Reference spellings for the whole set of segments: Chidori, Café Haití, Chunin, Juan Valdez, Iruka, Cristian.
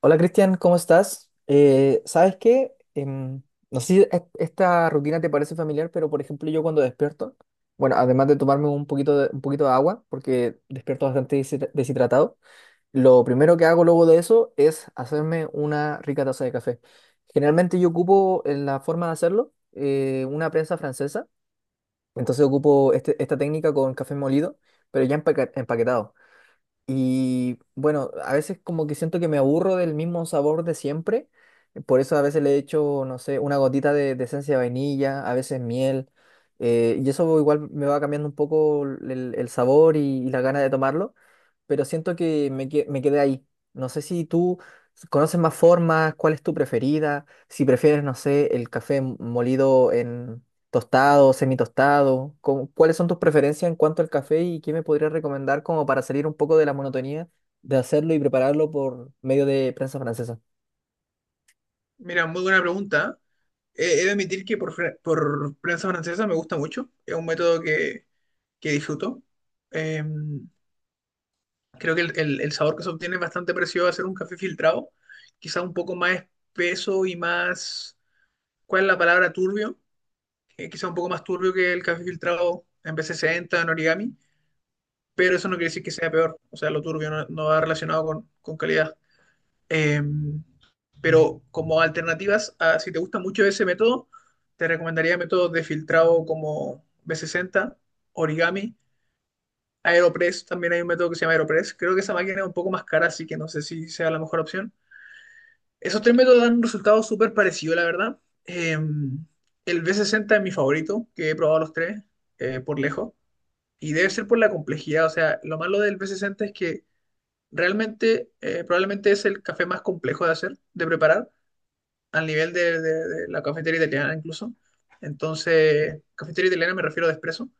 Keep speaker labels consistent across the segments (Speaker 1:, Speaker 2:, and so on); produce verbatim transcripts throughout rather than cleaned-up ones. Speaker 1: Hola Cristian, ¿cómo estás? Eh, ¿sabes qué? Em, no sé si e- esta rutina te parece familiar, pero por ejemplo yo cuando despierto, bueno, además de tomarme un poquito de, un poquito de agua, porque despierto bastante deshidra- deshidratado, lo primero que hago luego de eso es hacerme una rica taza de café. Generalmente yo ocupo en la forma de hacerlo eh, una prensa francesa, entonces ocupo este- esta técnica con café molido, pero ya empaque- empaquetado. Y bueno, a veces como que siento que me aburro del mismo sabor de siempre. Por eso a veces le echo, no sé, una gotita de, de esencia de vainilla, a veces miel. Eh, y eso igual me va cambiando un poco el, el sabor y, y la gana de tomarlo. Pero siento que me, que- me quedé ahí. No sé si tú conoces más formas, cuál es tu preferida, si prefieres, no sé, el café molido. ¿Tostado, semitostado? ¿Cómo- ¿Cuáles son tus preferencias en cuanto al café y qué me podrías recomendar como para salir un poco de la monotonía de hacerlo y prepararlo por medio de prensa francesa?
Speaker 2: Mira, muy buena pregunta. Eh, he de admitir que por, fre- por prensa francesa me gusta mucho. Es un método que, que disfruto. Eh, Creo que el, el- el sabor que se obtiene es bastante parecido a hacer un café filtrado. Quizá un poco más espeso y más... ¿Cuál es la palabra? Turbio. Eh, quizá un poco más turbio que el café filtrado en B sesenta, en origami. Pero eso no quiere decir que sea peor. O sea, lo turbio no, no va relacionado con, con calidad. Eh, pero como alternativas, a- si te gusta mucho ese método, te recomendaría métodos de filtrado como B sesenta, Origami, Aeropress, también hay un método que se llama Aeropress. Creo que esa máquina es un poco más cara, así que no sé si sea la mejor opción. Esos tres métodos dan un resultado súper parecido, la verdad. Eh, el B sesenta es mi favorito, que he probado los tres, eh, por lejos. Y debe ser por la complejidad, o sea, lo malo del B sesenta es que realmente eh, probablemente es el café más complejo de hacer, de preparar al nivel de, de- de la cafetería italiana incluso. Entonces, cafetería italiana me refiero a Espresso.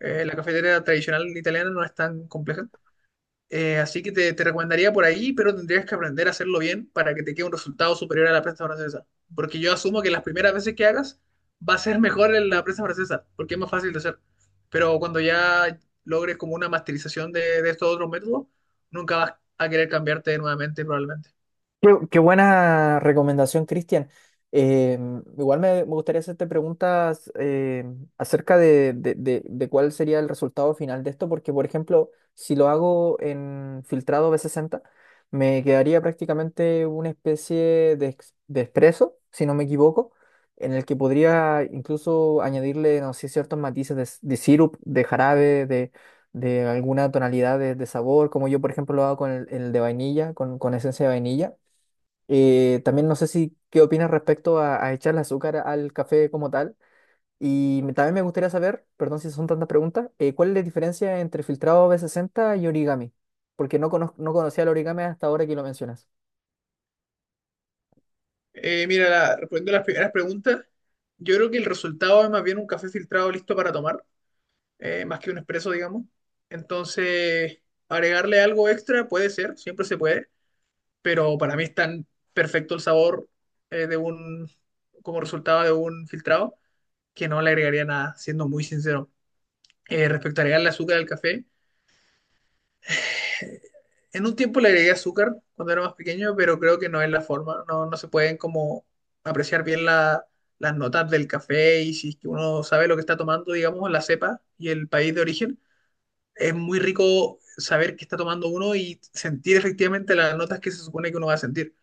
Speaker 2: Eh, la cafetería tradicional italiana no es tan compleja. Eh, así que te, te recomendaría por ahí, pero tendrías que aprender a hacerlo bien para que te quede un resultado superior a la prensa francesa. Porque yo asumo que las primeras veces que hagas va a ser mejor en la prensa francesa, porque es más fácil de hacer. Pero cuando ya logres como una masterización de, de estos otros métodos, nunca vas a querer cambiarte nuevamente probablemente.
Speaker 1: Qué, qué buena recomendación, Cristian. Eh, Igual me, me gustaría hacerte preguntas eh, acerca de, de- de- de cuál sería el resultado final de esto, porque, por ejemplo, si lo hago en filtrado b sesenta, me quedaría prácticamente una especie de, ex- de espresso, si no me equivoco, en el que podría incluso añadirle, no sé, ciertos matices de, s- de sirup, de jarabe, de, de alguna tonalidad de, de sabor, como yo, por ejemplo, lo hago con el, el de vainilla, con con esencia de vainilla. Eh, también no sé si qué opinas respecto a, a echarle azúcar al café como tal. Y me- también me gustaría saber, perdón si son tantas preguntas, eh, ¿cuál es la diferencia entre filtrado B sesenta y origami? Porque no, conoz- no conocía el origami hasta ahora que lo mencionas.
Speaker 2: Eh, mira, la- respondiendo a las primeras preguntas, yo creo que el resultado es más bien un café filtrado listo para tomar, eh, más que un expreso, digamos. Entonces, agregarle algo extra puede ser, siempre se puede, pero para mí es tan perfecto el sabor eh, de un, como resultado de un filtrado, que no le agregaría nada, siendo muy sincero. Eh, respecto a agregarle azúcar al café. En un tiempo le agregué azúcar cuando era más pequeño, pero creo que no es la forma. No, no se pueden como apreciar bien la- las notas del café y si es que uno sabe lo que está tomando, digamos, la cepa y el país de origen, es muy rico saber qué está tomando uno y sentir efectivamente las notas que se supone que uno va a sentir.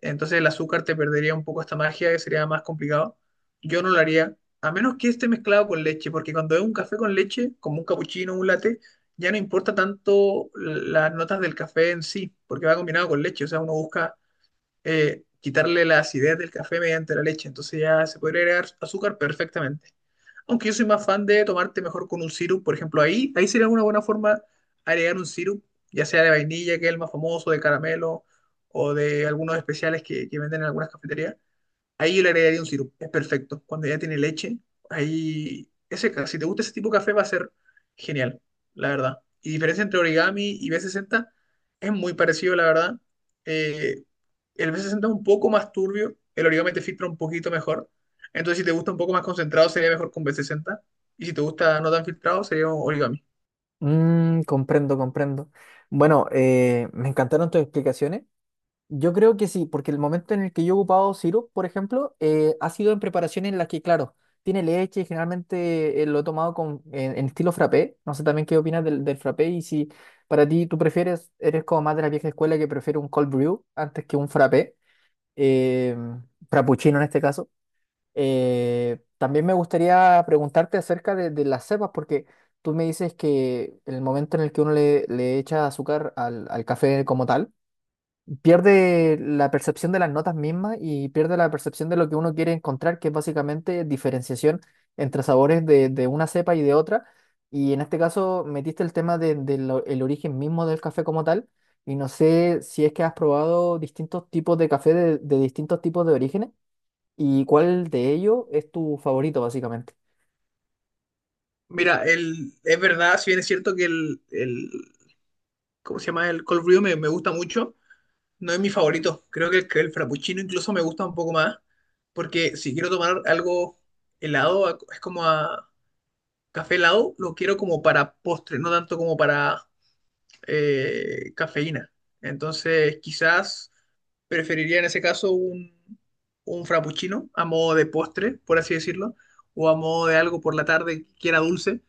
Speaker 2: Entonces el azúcar te perdería un poco esta magia, que sería más complicado. Yo no lo haría, a menos que esté mezclado con leche, porque cuando es un café con leche, como un cappuccino, un latte, ya no importa tanto las notas del café en sí, porque va combinado con leche. O sea, uno busca eh, quitarle la acidez del café mediante la leche. Entonces ya se podría agregar azúcar perfectamente. Aunque yo soy más fan de tomarte mejor con un sirup, por ejemplo, ahí, ahí sería una buena forma agregar un sirup, ya sea de vainilla, que es el más famoso, de caramelo, o de algunos especiales que, que venden en algunas cafeterías. Ahí yo le agregaría un sirope, es perfecto. Cuando ya tiene leche, ahí ese, ca- si te gusta ese tipo de café va a ser genial, la verdad. Y diferencia entre Origami y B sesenta es muy parecido, la verdad. Eh, el B sesenta es un poco más turbio, el Origami te filtra un poquito mejor. Entonces, si te gusta un poco más concentrado, sería mejor con B sesenta. Y si te gusta no tan filtrado, sería Origami.
Speaker 1: Mm, comprendo, comprendo. Bueno, eh, me encantaron tus explicaciones. Yo creo que sí, porque el momento en el que yo he ocupado sirup, por ejemplo, eh, ha sido en preparaciones en las que, claro, tiene leche y generalmente eh, lo he tomado con, en, en estilo frappé. No sé también qué opinas del, del frappé y si para ti tú prefieres, eres como más de la vieja escuela que prefiere un cold brew antes que un frappé, eh, frappuccino en este caso. Eh, también me gustaría preguntarte acerca de, de las cepas, porque tú me dices que el momento en el que uno le, le echa azúcar al al café como tal, pierde la percepción de las notas mismas y pierde la percepción de lo que uno quiere encontrar, que es básicamente diferenciación entre sabores de, de una cepa y de otra. Y en este caso metiste el tema del de, de lo- el origen mismo del café como tal. Y no sé si es que has probado distintos tipos de café de, de distintos tipos de orígenes y cuál de ellos es tu favorito, básicamente.
Speaker 2: Mira, el, es verdad, si bien es cierto que el, el- ¿cómo se llama? El Cold Brew me, me gusta mucho. No es mi favorito. Creo que el, que el frappuccino incluso me gusta un poco más. Porque si quiero tomar algo helado, a- es como a café helado, lo quiero como para postre, no tanto como para eh, cafeína. Entonces, quizás preferiría en ese caso un, un frappuccino a modo de postre, por así decirlo, o a modo de algo por la tarde que era dulce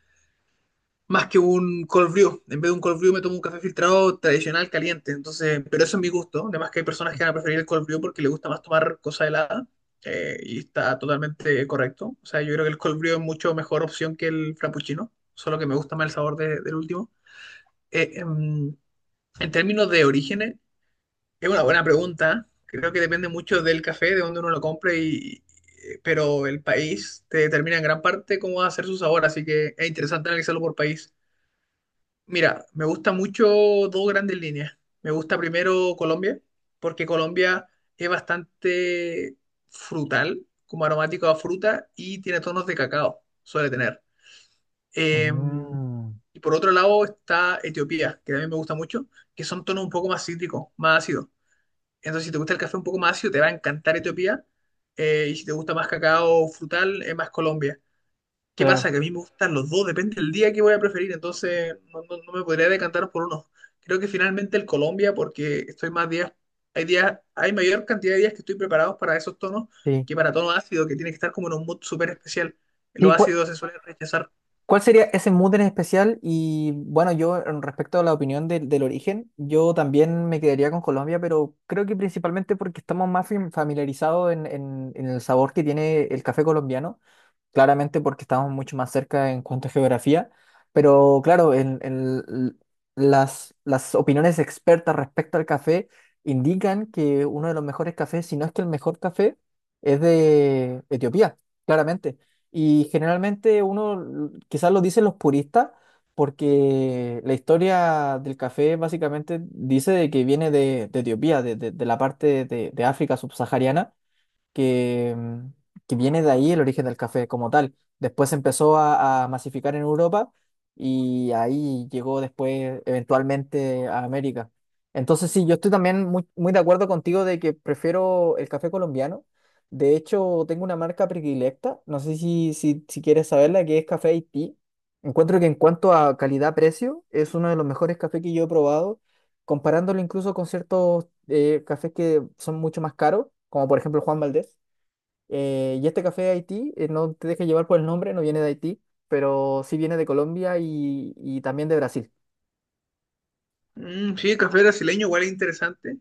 Speaker 2: más que un cold brew. En vez de un cold brew me tomo un café filtrado tradicional caliente. Entonces, pero eso es mi gusto. Además que hay personas que van a preferir el cold brew porque les gusta más tomar cosa helada. Eh, y está totalmente correcto. O sea, yo creo que el cold brew es mucho mejor opción que el frappuccino. Solo que me gusta más el sabor de- del último. Eh, em, en términos de orígenes, es una buena pregunta. Creo que depende mucho del café, de dónde uno lo compre y... eh, pero el país te determina en gran parte cómo va a ser su sabor, así que es interesante analizarlo por país. Mira, me gusta mucho dos grandes líneas. Me gusta primero Colombia, porque Colombia es bastante frutal, como aromático a fruta, y tiene tonos de cacao, suele tener. Eh,
Speaker 1: Mm,
Speaker 2: y por otro lado está Etiopía, que también me gusta mucho, que son tonos un poco más cítricos, más ácidos. Entonces, si te gusta el café un poco más ácido, te va a encantar Etiopía. Eh, y si te gusta más cacao frutal, es más Colombia. ¿Qué
Speaker 1: claro,
Speaker 2: pasa? Que a mí me gustan los dos, depende del día que voy a preferir, entonces no, no- no me podría decantar por uno. Creo que finalmente el Colombia, porque estoy más días, hay días, hay mayor cantidad de días que estoy preparado para esos tonos
Speaker 1: sí.
Speaker 2: que para tono ácido, que tiene que estar como en un mood súper especial.
Speaker 1: Sí,
Speaker 2: Los
Speaker 1: ¿cuál-
Speaker 2: ácidos se suelen rechazar.
Speaker 1: ¿cuál sería ese mood en especial? Y bueno, yo en respecto a la opinión del del origen, yo también me quedaría con Colombia, pero creo que principalmente porque estamos más fam- familiarizados en, en- en el sabor que tiene el café colombiano, claramente porque estamos mucho más cerca en cuanto a geografía, pero claro, en, en l- las, las opiniones expertas respecto al café indican que uno de los mejores cafés, si no es que el mejor café, es de Etiopía, claramente. Y generalmente uno l- quizás lo dicen los puristas porque la historia del café básicamente dice de que viene de, de Etiopía, de, de- de la parte de de África subsahariana que, mm, que viene de ahí el origen del café como tal. Después se empezó a, a masificar en Europa y ahí llegó después eventualmente a América. Entonces sí, yo estoy también muy, muy de acuerdo contigo de que prefiero el café colombiano. De hecho, tengo una marca predilecta, no sé si, si, si quieres saberla, que es Café Haití. Encuentro que en cuanto a calidad-precio, es uno de los mejores cafés que yo he probado, comparándolo incluso con ciertos eh, cafés que son mucho más caros, como por ejemplo Juan Valdez, eh, y este café de Haití, eh, no te dejes llevar por el nombre, no viene de Haití, pero sí viene de Colombia y, y también de Brasil.
Speaker 2: Mm, sí, café brasileño igual es interesante.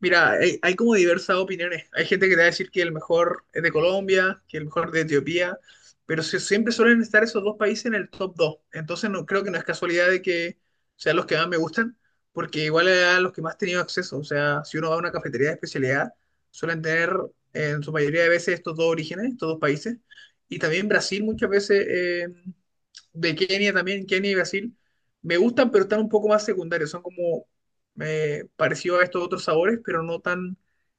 Speaker 2: Mira, hay, hay como diversas opiniones. Hay gente que te va a decir que el mejor es de Colombia, que el mejor de Etiopía, pero se- siempre suelen estar esos dos países en el top dos. Entonces no, creo que no es casualidad de que sean los que más me gustan, porque igual a los que más he tenido acceso. O sea, si uno va a una cafetería de especialidad, suelen tener en su mayoría de veces estos dos orígenes, estos dos países. Y también Brasil muchas veces, eh, de Kenia también, Kenia y Brasil, me gustan, pero están un poco más secundarios. Son como eh, parecido a estos otros sabores, pero no tan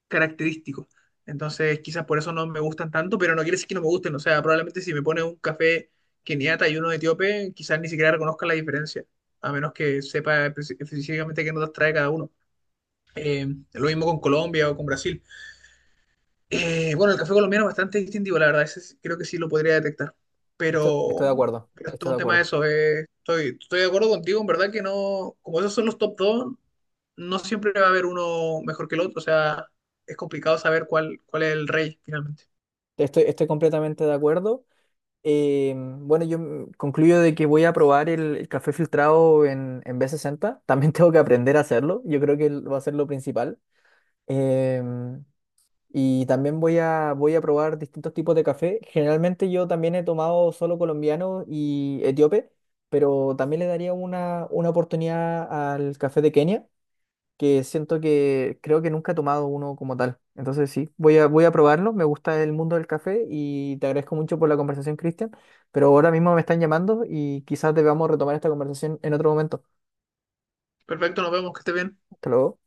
Speaker 2: característico. Entonces, quizás por eso no me gustan tanto, pero no quiere decir que no me gusten. O sea, probablemente si me pones un café keniata y uno etíope, quizás ni siquiera reconozca la diferencia, a menos que sepa espe- específicamente qué notas trae cada uno. Eh, lo mismo con Colombia o con Brasil. Eh, bueno, el café colombiano es bastante distintivo, la verdad, ese sí- creo que sí lo podría detectar.
Speaker 1: Esto- estoy
Speaker 2: Pero,
Speaker 1: de acuerdo,
Speaker 2: pero es
Speaker 1: estoy
Speaker 2: todo
Speaker 1: de
Speaker 2: un tema de
Speaker 1: acuerdo.
Speaker 2: eso. eh. Estoy, estoy de acuerdo contigo, en verdad que no, como esos son los top dos no siempre va a haber uno mejor que el otro, o sea, es complicado saber cuál, cuál es el rey finalmente.
Speaker 1: Estoy, estoy completamente de acuerdo. Eh, bueno, yo mm, concluyo de que voy a probar el, el café filtrado en, en b sesenta También tengo que aprender a hacerlo. Yo creo que va a ser lo principal. Em, y también voy a, voy a probar distintos tipos de café. Generalmente yo también he tomado solo colombiano y etíope, pero también le daría una, una oportunidad al café de Kenia, que siento que creo que nunca he tomado uno como tal. Entonces sí, voy a, voy a probarlo. Me gusta el mundo del café y te agradezco mucho por la conversación, Cristian, pero ahora mismo me están llamando y quizás debamos retomar esta conversación en otro momento.
Speaker 2: Perfecto, nos vemos, que esté bien.
Speaker 1: Hasta luego.